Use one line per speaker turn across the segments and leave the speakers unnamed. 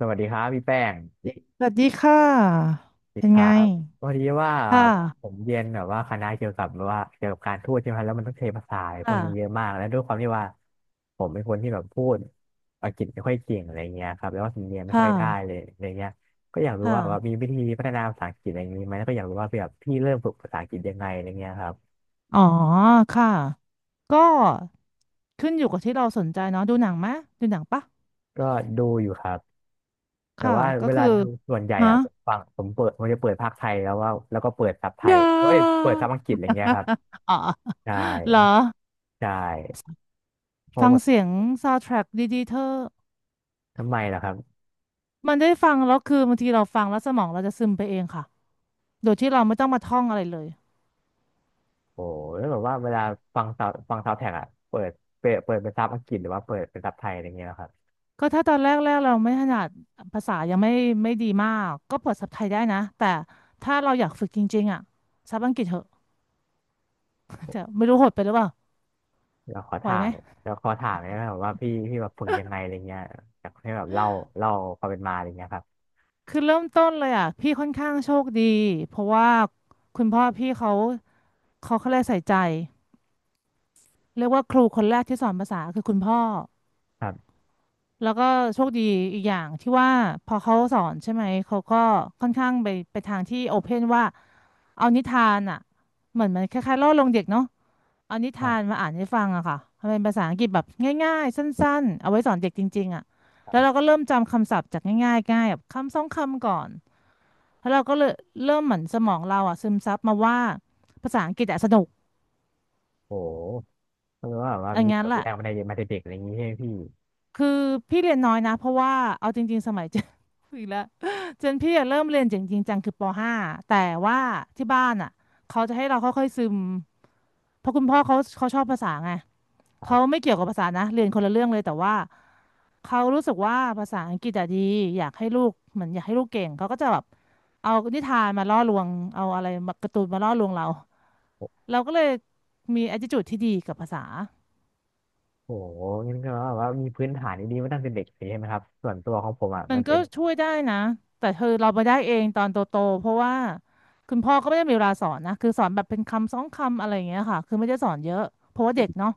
สวัสดีครับพี่แป้ง
สวัสดีค่ะ
สิ
เป็น
ครั
ไง
บพอดีว่า
ค่
ผ
ะ
มเรียนแบบว่าคณะเกี่ยวกับแบบว่าเกี่ยวกับการทูตใช่ไหมครับแล้วมันต้องใช้ภาษาพวก
ค่ะ
นี้เยอะมากแล้วด้วยความที่ว่าผมเป็นคนที่แบบพูดอังกฤษไม่ค่อยเก่งอะไรเงี้ยครับแล้วก็สำเนียงไม่ค่
ค่ะ
อยได้เลยอะไรเงี้ยก็อยากรู้
ค่ะ
ว่าแบบมีวิธีพัฒนาภาษาอังกฤษอะไรอย่างนี้ไหมแล้วก็อยากรู้ว่าแบบพี่เริ่มฝึกภาษาอังกฤษยังไงอะไรเงี้ยครับ
อ๋อ ค่ะ ก็ขึ้นอยู่กับที่เราสนใจเนาะดูหนังไหม ดูหนังปะ
ก็ดูอยู่ครับแต่
ค่ะ
ว่า
ก็
เว
คื
ลา
อ
ดูส่วนใหญ่
ฮะ
อะผมฟังผมเปิดผมจะเปิดภาคไทยแล้วว่าแล้วก็เปิดซับไทย
ยา
เอ้ยเปิดซับอังกฤษอะไรเงี้ยครับ
อ๋อ
ใช่
เหรอ
ใช่เพราะ
ฟัง
แบบ
เสียงซาว n d ท r a c k ดีๆเธอ
ทำไมล่ะครับ
มันได้ฟังแล้วคือบางทีเราฟังแล้วสมองเราจะซึมไปเองค่ะ โดยที่เราไม่ต้องมาท่องอะไรเลย
โอ้แล้วแบบว่าเวลาฟังซาวแท็กอะเปิดเปิดเป็นซับอังกฤษหรือว่าเปิดเป็นซับไทยอะไรเงี้ยนะครับ
ก็ถ้าตอนแรกๆเราไม่ถนัดภาษายังไม่ไม่ดีมากก็เปิดซับไทยได้นะแต่ถ้าเราอยากฝึกจริงๆอ่ะซับอังกฤษเถอะจะไม่รู้โหดไปหรือเปล่า
แล้วขอ
ไหว
ถา
ไห
ม
ม
แล้วขอถามเนี่ยะครับว่าพี่แบบฝึกยังไงอะไรเงี้ยอยากให้แบบเล่าความเป็นมาอะไรเงี้ยครับ
คือเริ่มต้นเลยอ่ะพี่ค่อนข้างโชคดีเพราะว่าคุณพ่อพี่เขาเรียกใส่ใจเรียกว่าครูคนแรกที่สอนภาษาคือคุณพ่อ
ครับ
แล้วก็โชคดีอีกอย่างที่ว่าพอเขาสอนใช่ไหมเขาก็ค่อนข้างไปทางที่โอเพนว่าเอานิทานอ่ะเหมือนมันคล้ายๆล่อลวงเด็กเนาะ เอานิ
ครั
ทาน
บ
มาอ่านให้ฟังอะค่ะมันเป็นภาษาอังกฤษแบบง่ายๆสั้นๆเอาไว้สอนเด็กจริงๆอะแล้วเราก็เริ่มจำคำศัพท์จากง่ายๆง่ายแบบคำสองคำก่อนแล้วเราก็เลยเริ่มเหมือนสมองเราอะซึมซับมาว่าภาษาอังกฤษอะสนุก
โอ้แปลว่าแบบว่า
อย่าง
มีแบ
นั้น
บ
แหละ
แรงมาแต่เด็กอะไรอย่างงี้ใช่ไหมพี่
คือพี่เรียนน้อยนะเพราะว่าเอาจริงๆสมัยเจน อีกแล้วเจนพี่อะเริ่มเรียนจริงๆจังคือป .5 แต่ว่าที่บ้านอะเขาจะให้เราค่อยๆซึมเพราะคุณพ่อเขาชอบภาษาไงเขาไม่เกี่ยวกับภาษานะเรียนคนละเรื่องเลยแต่ว่า เขารู้สึกว่าภาษาอังกฤษอะดีอยากให้ลูกเหมือนอยากให้ลูกเก่งเขาก็จะแบบเอานิทานมาล่อลวงเอาอะไรมาการ์ตูนมาล่อลวงเรา
โอ้
เราก็เลยมี attitude ที่ดีกับภาษา
โหงั้นก็แบบว่ามีพื้นฐานดีๆมาตั้งแต่เด็กเลยใช่ไหมครับส่วนตัวของผมอ่ะ
มั
มั
น
นเป็
ก็
น
ช่วยได้นะแต่คือเราไปได้เองตอนโตๆเพราะว่าคุณพ่อก็ไม่ได้มีเวลาสอนนะคือสอนแบบเป็นคำสองคำอะไรอย่างเงี้ยค่ะคือไม่ได้สอนเยอะเพราะว่าเด็กเนาะ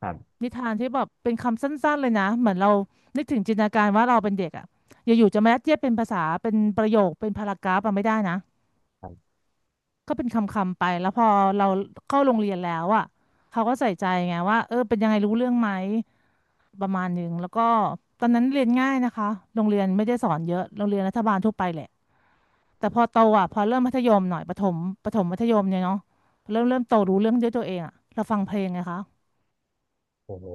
ครับ
นิทานที่แบบเป็นคำสั้นๆเลยนะเหมือนเรานึกถึงจินตนาการว่าเราเป็นเด็กอะอยู่ๆจะมายัดเยียดเป็นภาษาเป็นประโยคเป็นพารากราฟอะไม่ได้นะ
ครับ
ก็เป็นคำๆไปแล้วพอเราเข้าโรงเรียนแล้วอ่ะเขาก็ใส่ใจไงว่าเออเป็นยังไงรู้เรื่องไหมประมาณหนึ่งแล้วก็ตอนนั้นเรียนง่ายนะคะโรงเรียนไม่ได้สอนเยอะโรงเรียนรัฐบาลทั่วไปแหละแต่พอโตอ่ะพอเริ่มมัธยมหน่อยประถมประถมมัธยมเนี่ยเนาะเริ่มโตรู้เรื่องด้วยตัวเองอ่ะเราฟังเพลงไงคะ
โอ้โห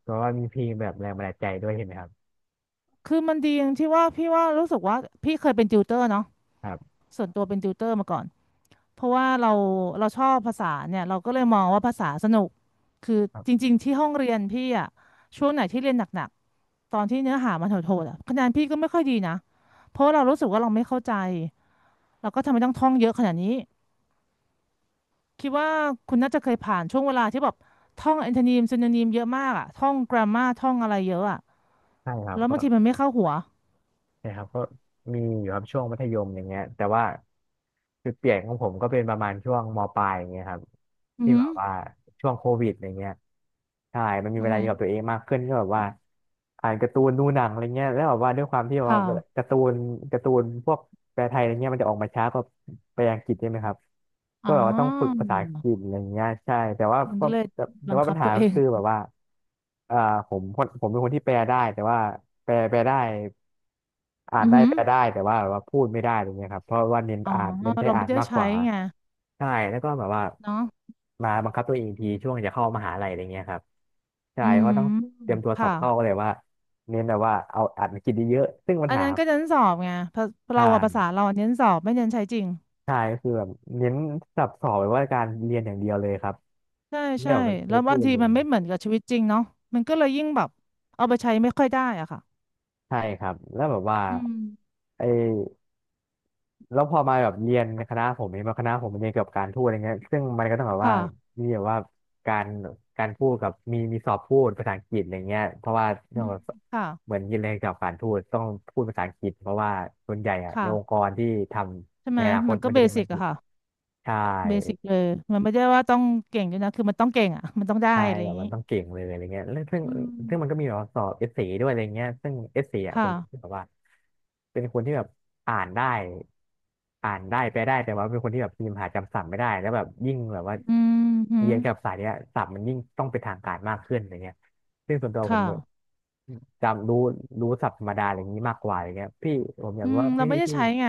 เพราะว่ามีเพลงแบบแรงบันดาลใจด้วยเห็นไหมครับ
คือมันดีอย่างที่ว่าพี่ว่ารู้สึกว่าพี่เคยเป็นติวเตอร์เนาะ
ครับ
ส่วนตัวเป็นติวเตอร์มาก่อน เพราะว่าเราชอบภาษาเนี่ยเราก็เลยมองว่าภาษาสนุกคือจริงๆที่ห้องเรียนพี่อะช่วงไหนที่เรียนหนักๆตอนที่เนื้อหามันโหดๆอะคะแนนพี่ก็ไม่ค่อยดีนะเพราะว่าเรารู้สึกว่าเราไม่เข้าใจเราก็ทำไมต้องท่องเยอะขนาดนี้คิดว่าคุณน่าจะเคยผ่านช่วงเวลาที่แบบท่องแอนทนีม y ีนีมเยอะมากอะท่องกรา m มาท่องอะไรเยอะอะ
ใช่ครับ
แล้ว
ก็
บางทีมันไม่เข้าหัว
ใช่ครับก็มีอยู่ครับช่วงมัธยมอย่างเงี้ยแต่ว่าจุดเปลี่ยนของผมก็เป็นประมาณช่วงมปลายอย่างเงี้ยครับ
อือ
ที่
หื
แบ
อ
บว่าช่วงโควิดอย่างเงี้ยใช่มันมี
อือ
เวลา
หื
อ
อ
ยู่กับตัวเองมากขึ้นก็แบบว่าอ่านการ์ตูนดูหนังอะไรเงี้ยแล้วแบบว่าด้วยความที่แบ
ค
บว่า
่ะ
การ์ตูนการ์ตูนพวกแปลไทยอะไรเงี้ยมันจะออกมาช้ากว่าแปลอังกฤษใช่ไหมครับ
อ๋
ก็
อ
แบบว่าต้องฝึกภาษาอังกฤษอะไรเงี้ยใช่แต่ว่า
มัน
ก็
ก็เลย
แต่แต่
บัง
ว่าปั
คั
ญ
บ
หา
ตัวเอ
ก็
ง
คือแบบว่าเอ่อผมเป็นคนที่แปลได้แต่ว่าแปลแปลได้ อ่าน
อือ
ได้
หือ
แปลได้แต่ว่าแบบว่าพูดไม่ได้อะไรเงี้ยครับเพราะว่าเน้น
อ๋อ
อ่านเน้นใช้
เรา
อ่า
ไม่
น
ได้
มากก
ใช้
ว่า
ไง
ใช่แล้วก็แบบว่า
เนาะ
มาบังคับตัวเองอีกทีช่วงจะเข้ามหาลัยอะไรเงี้ยครับใช่
อื
เพราะต้อง
ม
เตรียมตัวสอ
ค่ะ
บเข้าก็เลยว่าเน้นแบบว่าเอาอ่านกินเยอะๆซึ่งปัญ
อัน
หา
นั้นก็เน้นสอบไงภา
ใช
เราอะภาษา
่
เราเน้นสอบไม่เน้นใช้จริง
ใช่ก็คือแบบเน้นสับสอบแบบว่าการเรียนอย่างเดียวเลยครับ
ใช่
ไม่
ใช่
ออกมาใช้
แล้ว
พู
บาง
ด
ที
เล
มั
ย
นไม่เหมือนกับชีวิตจริงเนาะมันก็เลยยิ่งแบบเอาไปใช้ไม่ค่อยได้อะค่ะ
ใช่ครับแล้วแบบว่า
อืม
ไอ แล้วพอมาแบบเรียนในคณะผมเองมาคณะผมมันเรียนเกี่ยวกับการพูดอะไรเงี้ยซึ่งมันก็ต้องแบบว่า
ค่ะ
มีแบบว่าการการพูดกับมีสอบพูดภาษาอังกฤษอะไรเงี้ยเพราะว่าเรื่
อื
อง
ม
แบบ
ค่ะ
เหมือนยินเรียนเกี่ยวกับการพูตต้องพูดภาษาอังกฤษเพราะว่าส่วนใหญ่อะใน
ค่ะ
องค์กรที่ท
ใช่
ำใน
ไหม
อนาคต
มันก็
มัน
เบ
จะเป็นภา
สิ
ษา
ก
อังก
อะ
ฤษ
ค่ะ
ใช่
เบสิกเลยมันไม่ได้ว่าต้องเก่งด้วยนะคือมันต้องเก่งอะมันต้องได้
ใช่
อะไรอ
แบ
ย่า
บ
ง
มั
นี้
นต้องเก่งเลยอะไรเงี้ยแล้วซึ่ง
อืม
ซึ่งมันก็มีแบบว่าสอบเอสเซด้วยอะไรเงี้ยซึ่งเอสเซอ่อะผ
ค่ะ
มคิดแบบว่าเป็นคนที่แบบอ่านได้อ่านได้แปลได้แต่ว่าเป็นคนที่แบบพิมพ์หาจำศัพท์ไม่ได้แล้วแบบยิ่งแบบว่า
อืมหืม
เรียนกับสายเนี้ยศัพท์มันยิ่งต้องเป็นทางการมากขึ้นอะไรเงี้ยซึ่งส่วนตัวผมเนี่ย
ค่ะ
จำรู้รู้ศัพท์ธรรมดาอะไรอย่างนี้มากกว่าอะไรเงี้ยพี่ผมอยา
อื
กรู้
ม
ว่า
เรา
พี่
ไม่ได้
พี่
ใช้ไง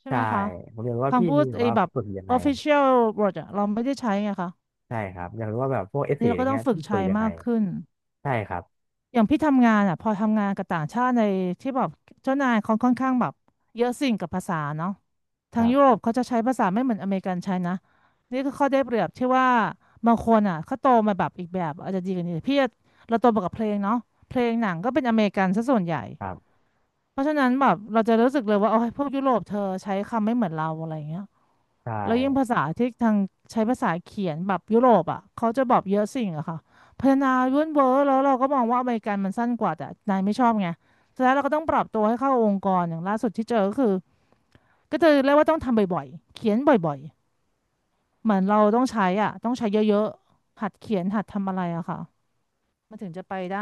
ใช่ไห
ใช่
มคะ
ผมอยากรู้ว่าพี่
คำพู
มี
ด
แบบ
ไอ้
ว่า
แบบ
ฝึกยังไง
official word อะเราไม่ได้ใช้ไงคะ
ใช่ครับอยากรู้ว่าแบบพวกเอสเซ
นี่
อะ
เรา
ไร
ก็ต้อ
เงี้
ง
ย
ฝึก
พี่ฝึ
ใช้
กยังไง
มากขึ้น
ใช่ครับ
อย่างพี่ทำงานอะพอทำงานกับต่างชาติในที่แบบเจ้านายเขาค่อนข้างแบบเยอะสิ่งกับภาษาเนาะ
ค
ทาง
รั
ยุโร
บ
ปเขาจะใช้ภาษาไม่เหมือนอเมริกันใช้นะนี่ก็ข้อได้เปรียบที่ว่าบางคนอ่ะเขาโตมาแบบอีกแบบอาจจะดีกว่านี้พี่อะเราโตมากับเพลงเนาะเพลงหนังก็เป็นอเมริกันซะส่วนใหญ่
ครับ
เพราะฉะนั้นแบบเราจะรู้สึกเลยว่าโอ้ยพวกยุโรปเธอใช้คำไม่เหมือนเราอะไรเงี้ย
ใช
แล้วยิ่ง
่
ภาษาที่ทางใช้ภาษาเขียนแบบยุโรปอ่ะเขาจะบอกเยอะสิ่งอะค่ะพัฒนายุ่นเวอร์แล้วเราก็มองว่าอเมริกันมันสั้นกว่าแต่นายไม่ชอบไงสุดท้ายเราก็ต้องปรับตัวให้เข้าองค์กรอย่างล่าสุดที่เจอก็คือก็เจอเรียกว่าต้องทำบ่อยๆเขียนบ่อยๆเหมือนเราต้องใช้อ่ะต้องใช้เยอะๆหัดเขียนหัดทำอะไรอะค่ะมันถึงจะไปได้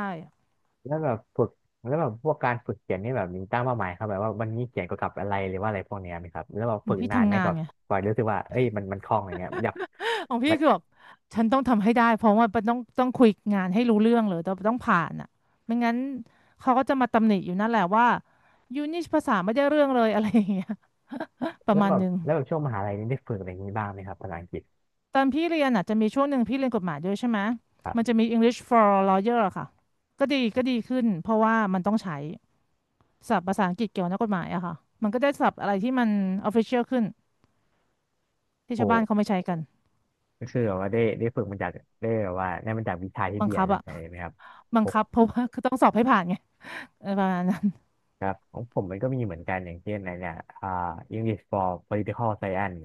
แล้วแบบฝึกแล้วแบบพวกการฝึกเขียนนี่แบบมีตั้งเป้าหมายครับแบบว่าวันนี้เขียนเกี่ยวกับอะไรหรือว่าอะไรพวกเนี้ยไหมครับแล้วแบบฝึก
พี่
นานไหม
ทำงา
แบ
น
บ
ไง
กว่ารู้สึกว่าเอ้ยมันคล่องอะไรเงี้ยอยาก
ของพี่
มัน
คือแบบฉันต้องทำให้ได้เพราะว่าต้องคุยงานให้รู้เรื่องเลยต้องผ่านอ่ะไม่งั้นเขาก็จะมาตำหนิอยู่นั่นแหละว่ายูนี่ภาษาไม่ได้เรื่องเลย อะไรอย่างเงี้ยประมาณหนึง
แล้วแบบช่วงมหาลัยนี่ได้ฝึกอะไรอย่างนี้บ้างไหมครับภาษาอังกฤษ
ตอนพี่เรียนอ่ะจะมีช่วงหนึ่งพี่เรียนกฎหมายด้วยใช่ไหม
ครั
มัน
บ
จะมี English for Lawyer อะค่ะก็ดีขึ้นเพราะว่ามันต้องใช้ศัพท์ภาษาอังกฤษเกี่ยวกับนักกฎหมายอะค่ะมันก็ได้ศัพท์อะไรที่มัน official ขึ้นที่ชาวบ้าน
โห
เขาไม่ใช้กัน
ก็คือแบบว่าได้ได้ฝึกมาจากได้แบบว่าได้มาจากวิชาที่
บัง
เรียน
คับอะ
ใช่ไหมครับ
บัง
โห
คับเพราะว่าคือต้องสอบให้ผ่านไงเออประมาณนั้น
ครับของผมมันก็มีเหมือนกันอย่างเช่นอนเนี่ยอ่า English for Political Science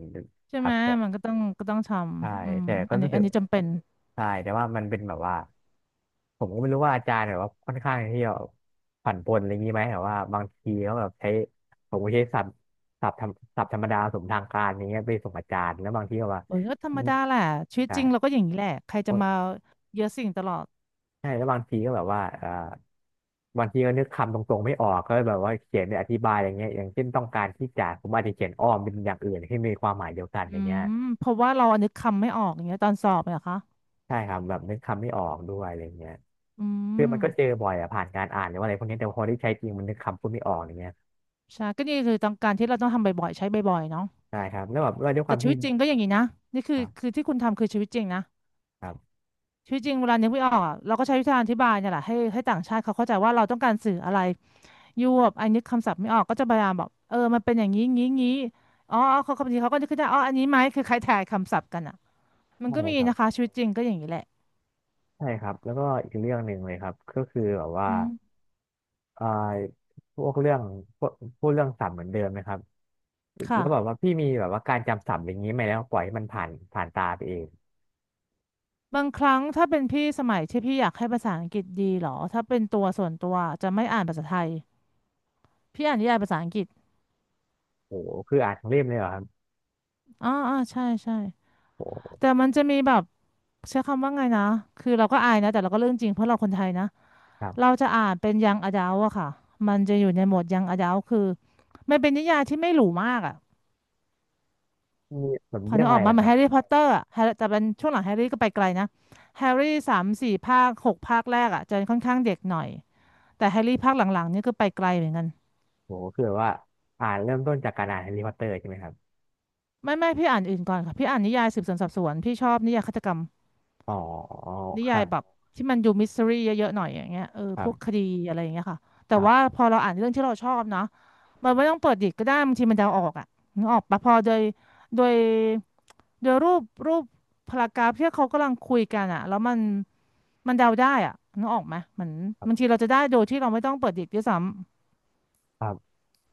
ใช่
ครั
ไหม
บ
มันก็ต้องท
ใช่
ำอืม
แต่ก็
อันนี้
รู้สึ
อั
ก
นนี้จำเป็น
ใช่แต่ว่ามันเป็นแบบว่าผมก็ไม่รู้ว่าอาจารย์แบบว่าค่อนข้างที่จะผันปรนอะไรอย่างนี้ไหมแบบว่าบางทีเขาแบบใช้ผมก็ใช้ศัพท์ศัพท์ธรรมศัพท์ธรรมดาสมทางการอย่างเงี้ยไปส่งอาจารย์แล้วบางทีก็ว่า
โอ้ยก็ธรรมดาแหละชีวิต
ใช่
จริงเราก็อย่างนี้แหละใครจะมาเยอะสิ่งตลอด
ใช่แล้วบางทีก็แบบว่าบางทีก็นึกคำตรงๆไม่ออกก็แบบว่าเขียนเปอธิบายอย่างเงี้ยอย่างเช่นต้องการที่จะผมอาจจะเขียนอ้อมเป็นอย่างอื่นที่มีความหมายเดียวกัน
อื
อย่างเงี้ย
มเพราะว่าเราอันนึกคำไม่ออกอย่างเงี้ยตอนสอบเนี่ยเหรอคะ
ใช่ครับแบบนึกคำไม่ออกด้วยอะไรเงี้ย
อื
คือมันก็เจอ
ม
บ่อยอะผ่านการอ่านหรือว่าอะไรพวกนี้แต่พอได้ใช้จริงมันนึกคำพูดไม่ออกอย่างเงี้ย
ใช่ก็นี่คือต้องการที่เราต้องทำบ่อยๆใช้บ่อยๆเนาะ
ใช่ครับแล้วแบบว่าด้วยค
แต่
วาม
ชี
ที่
วิตจริงก็อย่างนี้นะนี่คื
ค
อ
รับ
ที่คุณทำคือชีวิตจริงนะ
ครับ
ชีวิตจริงเวลานึกไม่ออกอะเราก็ใช้วิธีการอธิบายเนี่ยแหละให้ต่างชาติเขาเข้าใจว่าเราต้องการสื่ออะไร ยวบอันนี้คำศัพท์ไม่ออกก็จะพยายามบอกเออมันเป็นอย่างนี้งี้งี้อ๋ออ๋อเขาบางทีเขาก็นึกขึ้นได้อ๋ออันนี้ไหมคือคล้ายทายคำศัพท์กันอ่ะมัน
ใช่
ก็มี
ครับ
นะคะชีวิตจริงก็อย่างนี้แหละ
ใช่ครับแล้วก็อีกเรื่องหนึ่งเลยครับก็คือแบบว่า
อืม
เอ่อพวกเรื่องพวกพูดเรื่องศัพท์เหมือนเดิมไหมครับแล้วแบบ
ค่ะ
ว่าพี่มีแบบว่าการจำศัพท์อย่างนี้ไหมแล้วปล่อยให้มันผ่านตาไปเอง
บางครั้งถ้าเป็นพี่สมัยที่พี่อยากให้ภาษาอังกฤษดีเหรอถ้าเป็นตัวส่วนตัวจะไม่อ่านภาษาไทยพี่อ่านนิยายภาษาอังกฤษ
โอ้โหคืออ่านทั้งเล่มเลยเหรอครับ
อ๋ออ๋อใช่ใช่
โอ้โห
แต่มันจะมีแบบใช้คำว่าไงนะคือเราก็อายนะแต่เราก็เรื่องจริงเพราะเราคนไทยนะ
ครั
เรา
บ
จะอ่านเป็นยังอดัลอะค่ะมันจะอยู่ในโหมดยังอดัลคือมันเป็นนิยายที่ไม่หรูมากอะ
มีแบบ
พอ
เรื่
นึ
อง
ก
อะ
อ
ไร
อกมา
นะ
เห
ค
มือน
รั
แฮร์
บ
รี่พอตเตอร์อะแฮร์แต่เป็นช่วงหลังแฮร์รี่ก็ไปไกลนะแฮร์รี่สามสี่ภาคหกภาคแรกอ่ะจะค่อนข้างเด็กหน่อยแต่แฮร์รี่ภาคหลังๆนี่ก็ไปไกลเหมือนกัน
โอ้โหคือแบบว่าอ่านเริ่มต้นจากการอ่านแฮร์รี่พอตเตอร์ใช่ไหมครับ
ไม่พี่อ่านอื่นก่อนค่ะพี่อ่านนิยายสืบสวนสอบสวนพี่ชอบนิยายฆาตกรรม
อ๋อ
นิ
ค
ยา
รั
ย
บ
แบบที่มันดูมิส t ต r ี่เยอะๆหน่อยอย่างเงี้ยเออพวกค
ค
ดีอะไรอย่างเงี้ยค่ะแต่
รับ
ว่าพอเราอ่านเรื่องที่เราชอบเนาะมันไม่ต้องเปิดดิกก็ได้บางทีมันเดาออกอ่ะนึกออกปะพอโดยโดยรูปพารากราฟที่เขากำลังคุยกันอ่ะแล้วมัน มันเดาได้อะนึกออกไหมเหมือน
ครั
บางที
บ
เราจะได้โดยที่เราไม่ต้องเปิดดิกด้วยซ้ำ
ครับ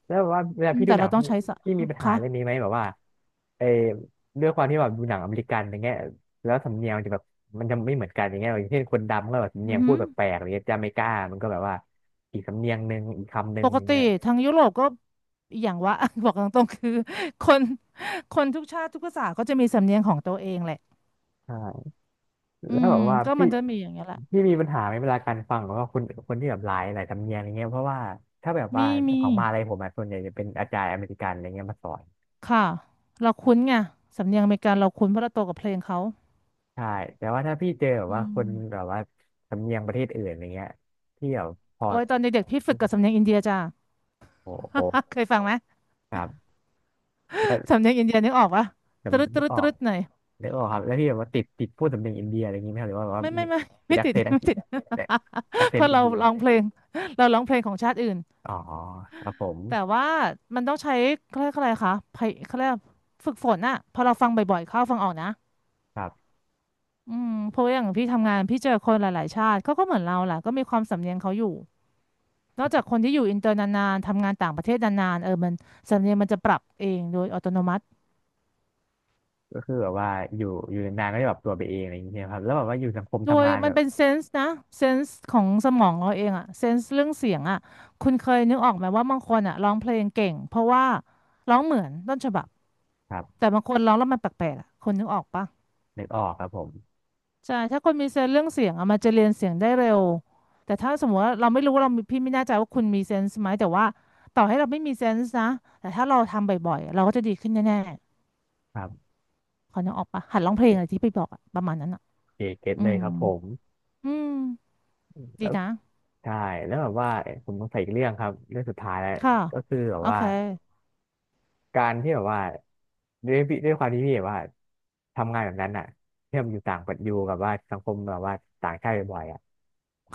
ครับแล้วแบบว่าเวลา
อืม
พี่ดู
แต่
หนั
เรา
ง
ต้อง
พี่
ใช้สะ
พี่มีปัญหา
คะ
เรื่องนี้ไหมแบบว่าเออด้วยความที่แบบดูหนังอเมริกันอย่างเงี้ยแล้วสำเนียงมันจะแบบมันจะไม่เหมือนกันอย่างเงี้ยอย่างเช่นคนดำก็แบบสำ
อื
เนี
อ
ยง
หื
พูด
อ
แปลกๆอะไรเงี้ยจาเมกามันก็แบบว่าอีกสำเนียงหนึ่งอีกคำหนึ่
ป
ง
ก
อย่าง
ติ
เงี้ย
ทางยุโรปก็อกอย่างว่า บอกตรงๆคือคนคนทุกชาติทุกภาษาก็จะมีสำเนียงของตัวเองแหละ
ใช่
อื
แล้ว
ม
แบบว่า
ก็
พี่
มันจะมีอย่างเงี้ยแหละ
พี่มีปัญหาไหมเวลาการฟังของว่าคนที่แบบหลายสำเนียงอย่างเงี้ยเพราะว่าถ้าแบบว่า
มี
ของมหาลัยผมอะส่วนใหญ่จะเป็นอาจารย์อเมริกันอะไรเงี้ยมาสอน
ค่ะ เราคุ้นไงสำเนียงอเมริกันเราคุ้นเพราะเราโตกับเพลงเขา
ใช่แต่ว่าถ้าพี่เจอแบบ
อื
ว่าค
ม
นแบบว่าสำเนียงประเทศอื่นอะไรเงี้ยพี่แบบพอ
โอ้ยตอนเด็กๆพี่ฝึกกับสำเนียงอินเดียจ้า
โอ้โห
เคยฟังไหม
ครับแล้ว
สำเนียงอินเดียนึกออกปะต
จำ
รึดต
นึ
รึ
ก
ด
อ
ต
อ
รึ
ก
ดหน่อย
นึกออกครับแล้วพี่แบบว่าติดพูดสำเนียงอินเดียอะไรเงงี้ยไหมครับหรือว่าแบบว่า
ไม่ไม่
มี
ไม่
เป็น
ไม่
แอค
ติด
เซน ต์อัง
ไม่
กฤษ
ติด
แต่ แอคเซ
เพ
น
ราะ
ต์อิน
เรา
เดีย
ร้องเพลงเราร้องเพลงของชาติอื่น
อ๋อครับผม
แต่ว่ามันต้องใช้เขาเรียกอะไรคะไพยเขาเรียกฝึกฝนอะพอเราฟังบ่อยๆเข้าฟังออกนะ
ครับ
อืมเพราะว่าอย่างพี่ทำงานพี่เจอคนหลายๆชาติเขาก็เหมือนเราแหละก็มีความสำเนียงเขาอยู่นอกจากคนที่อยู่อินเตอร์นานๆทำงานต่างประเทศนานๆเออมันสำเนียงมันจะปรับเองโดยอัตโนมัติ
ก็คือแบบว่าอยู่นานๆก็จะแบบตัวไปเองอะไรอย่างเงี้ยครับแล้วแบบว่าอยู่สังคม
โด
ทำ
ย
งาน
มั
แบ
น
บ
เป็นเซนส์นะเซนส์ของสมองเราเองอะเซนส์เรื่องเสียงอะคุณเคยนึกออกไหมว่าบางคนอะร้องเพลงเก่งเพราะว่าร้องเหมือนต้นฉบับ
ครับ
แต่บางคนร้องแล้วมันแปลกๆอะคนนึกออกปะ
นึกออกครับผม
ใช่ถ้าคนมีเซนส์เรื่องเสียงอะมันจะเรียนเสียงได้เร็วแต่ถ้าสมมติว่าเราไม่รู้ว่าเรามีพี่ไม่แน่ใจว่าคุณมีเซนส์ไหมแต่ว่าต่อให้เราไม่มีเซนส์นะแต่ถ้าเราทำบ่อยๆเราก็จะดีขึ้นแน่
ครับ
ๆคนนึกออกปะหัดร้องเพลงอะ
เ
ไรที่ไปบอกอะประมาณนั้นอะ
เก็ต
อื
เลย
ม
ครับผม
อืม
แล้
ดี
ว
นะ
ใช่แล้วแบบว่าผมสงสัยอีกเรื่องครับเรื่องสุดท้ายแล้ว
ค่ะ
ก็คือแบบ
โอ
ว่า
เค
การที่แบบว่าด้วยพี่ด้วยความที่พี่แบบว่าทำงานแบบนั้นอ่ะที่แบบอยู่ต่างประเทศอยู่กับว่าสังคมแบบว่าต่างชาติบ่อยๆอ่ะ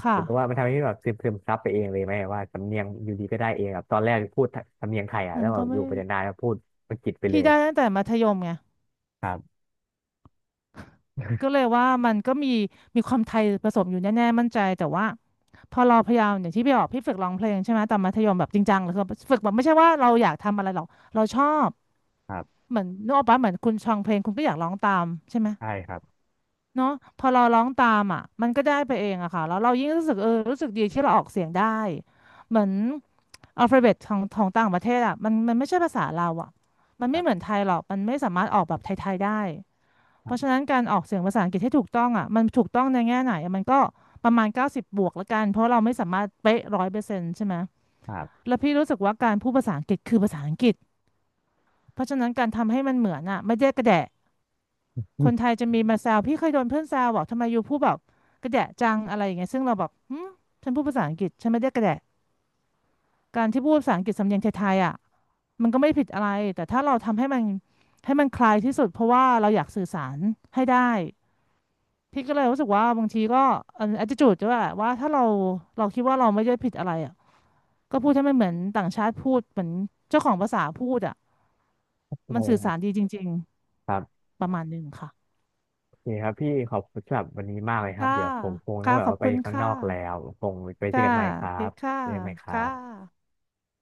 ค่ะ
เห็นว่ามันทำให้พี่แบบซึมซับไปเองเลยไหมว่าสำเนียงอยู่ดีก็ได้เองแบบตอนแรกพูดสำเนียงไทยอ่ะ
มั
แล้
น
วแบ
ก็
บอ
ไม่
ยู่ไปนานๆแล้วพูดอังกฤษไปเล
พี่
ย
ได้
อ่ะ
ตั้งแต่มัธยมไงก็เลยว่ามันก็มีความไทยผสมอยู่แน่ๆมั่นใจแต่ว่าพอเราพยายามอย่างที่พี่บอกพี่ฝึกร้องเพลงใช่ไหมตอนมัธยมแบบจริงจังเลยคือฝึกแบบไม่ใช่ว่าเราอยากทำอะไรหรอกเราชอบ
ครับ
เหมือนนึกออกปะเหมือนคุณฟังเพลงคุณก็อยากร้องตามใช่ไหม
ใช่ครับ
เนาะพอเราร้องตามอ่ะมันก็ได้ไปเองอะค่ะแล้วเรายิ่งรู้สึกเออรู้สึกดีที่เราออกเสียงได้เหมือนอัลฟาเบตของต่างประเทศอะมันไม่ใช่ภาษาเราอะมัน
ค
ไม่
รั
เหมือน
บ
ไทยหรอกมันไม่สามารถออกแบบไทยๆได้
ค
เพ
รั
ราะฉะ
บ
นั้นการออกเสียงภาษาอังกฤษให้ถูกต้องอ่ะมันถูกต้องในแง่ไหนอะมันก็ประมาณ90บวกละกันเพราะเราไม่สามารถเป๊ะ100%ใช่ไหม
ครับ
แล้วพี่รู้สึกว่าการพูดภาษาอังกฤษคือภาษาอังกฤษเพราะฉะนั้นการทำให้มันเหมือนอ่ะไม่ได้กระแดะคนไท ยจะมีมาแซวพี่เคยโดนเพื่อนแซวบอกทำไมยูพูดแบบกระแดะจังอะไรอย่างเงี้ยซึ่งเราบอกหืมฉันพูดภาษาอังกฤษฉันไม่ได้กระแดะการที่พูดภาษาอังกฤษสำเนียงไทยๆอ่ะมันก็ไม่ผิดอะไรแต่ถ้าเราทำให้มันให้มันคลายที่สุดเพราะว่าเราอยากสื่อสารให้ได้ พี่ก็เลยรู้สึกว่าบางทีก็อัน attitude ด้วยว่าถ้าเราเราคิดว่าเราไม่ได้ผิดอะไรอ่ะก็พูดให้มันเหมือนต่างชาติพูดเหมือนเจ้าของภาษาพูดอ่ะ
ใช่ค
มันสื่อ
รั
สาร
บ
ดีจริง
ครับ
ๆประมาณหนึ่งค่ะ
โอเคครับพี่ขอบคุณสำหรับวันนี้มากเลยครับ
ค่ะ
เดี๋ยวผมคงต้อ
ค่ะ
งแบบ
ขอบ
ว่าไป
คุณ
ข้างน
ค่ะ
อกแล้วคงไปเจอ
ค่ะ
กันใหม่ค
โอ
รั
เค
บ
ค่ะ
เจอกันใหม่ครั
ค่ะ
บ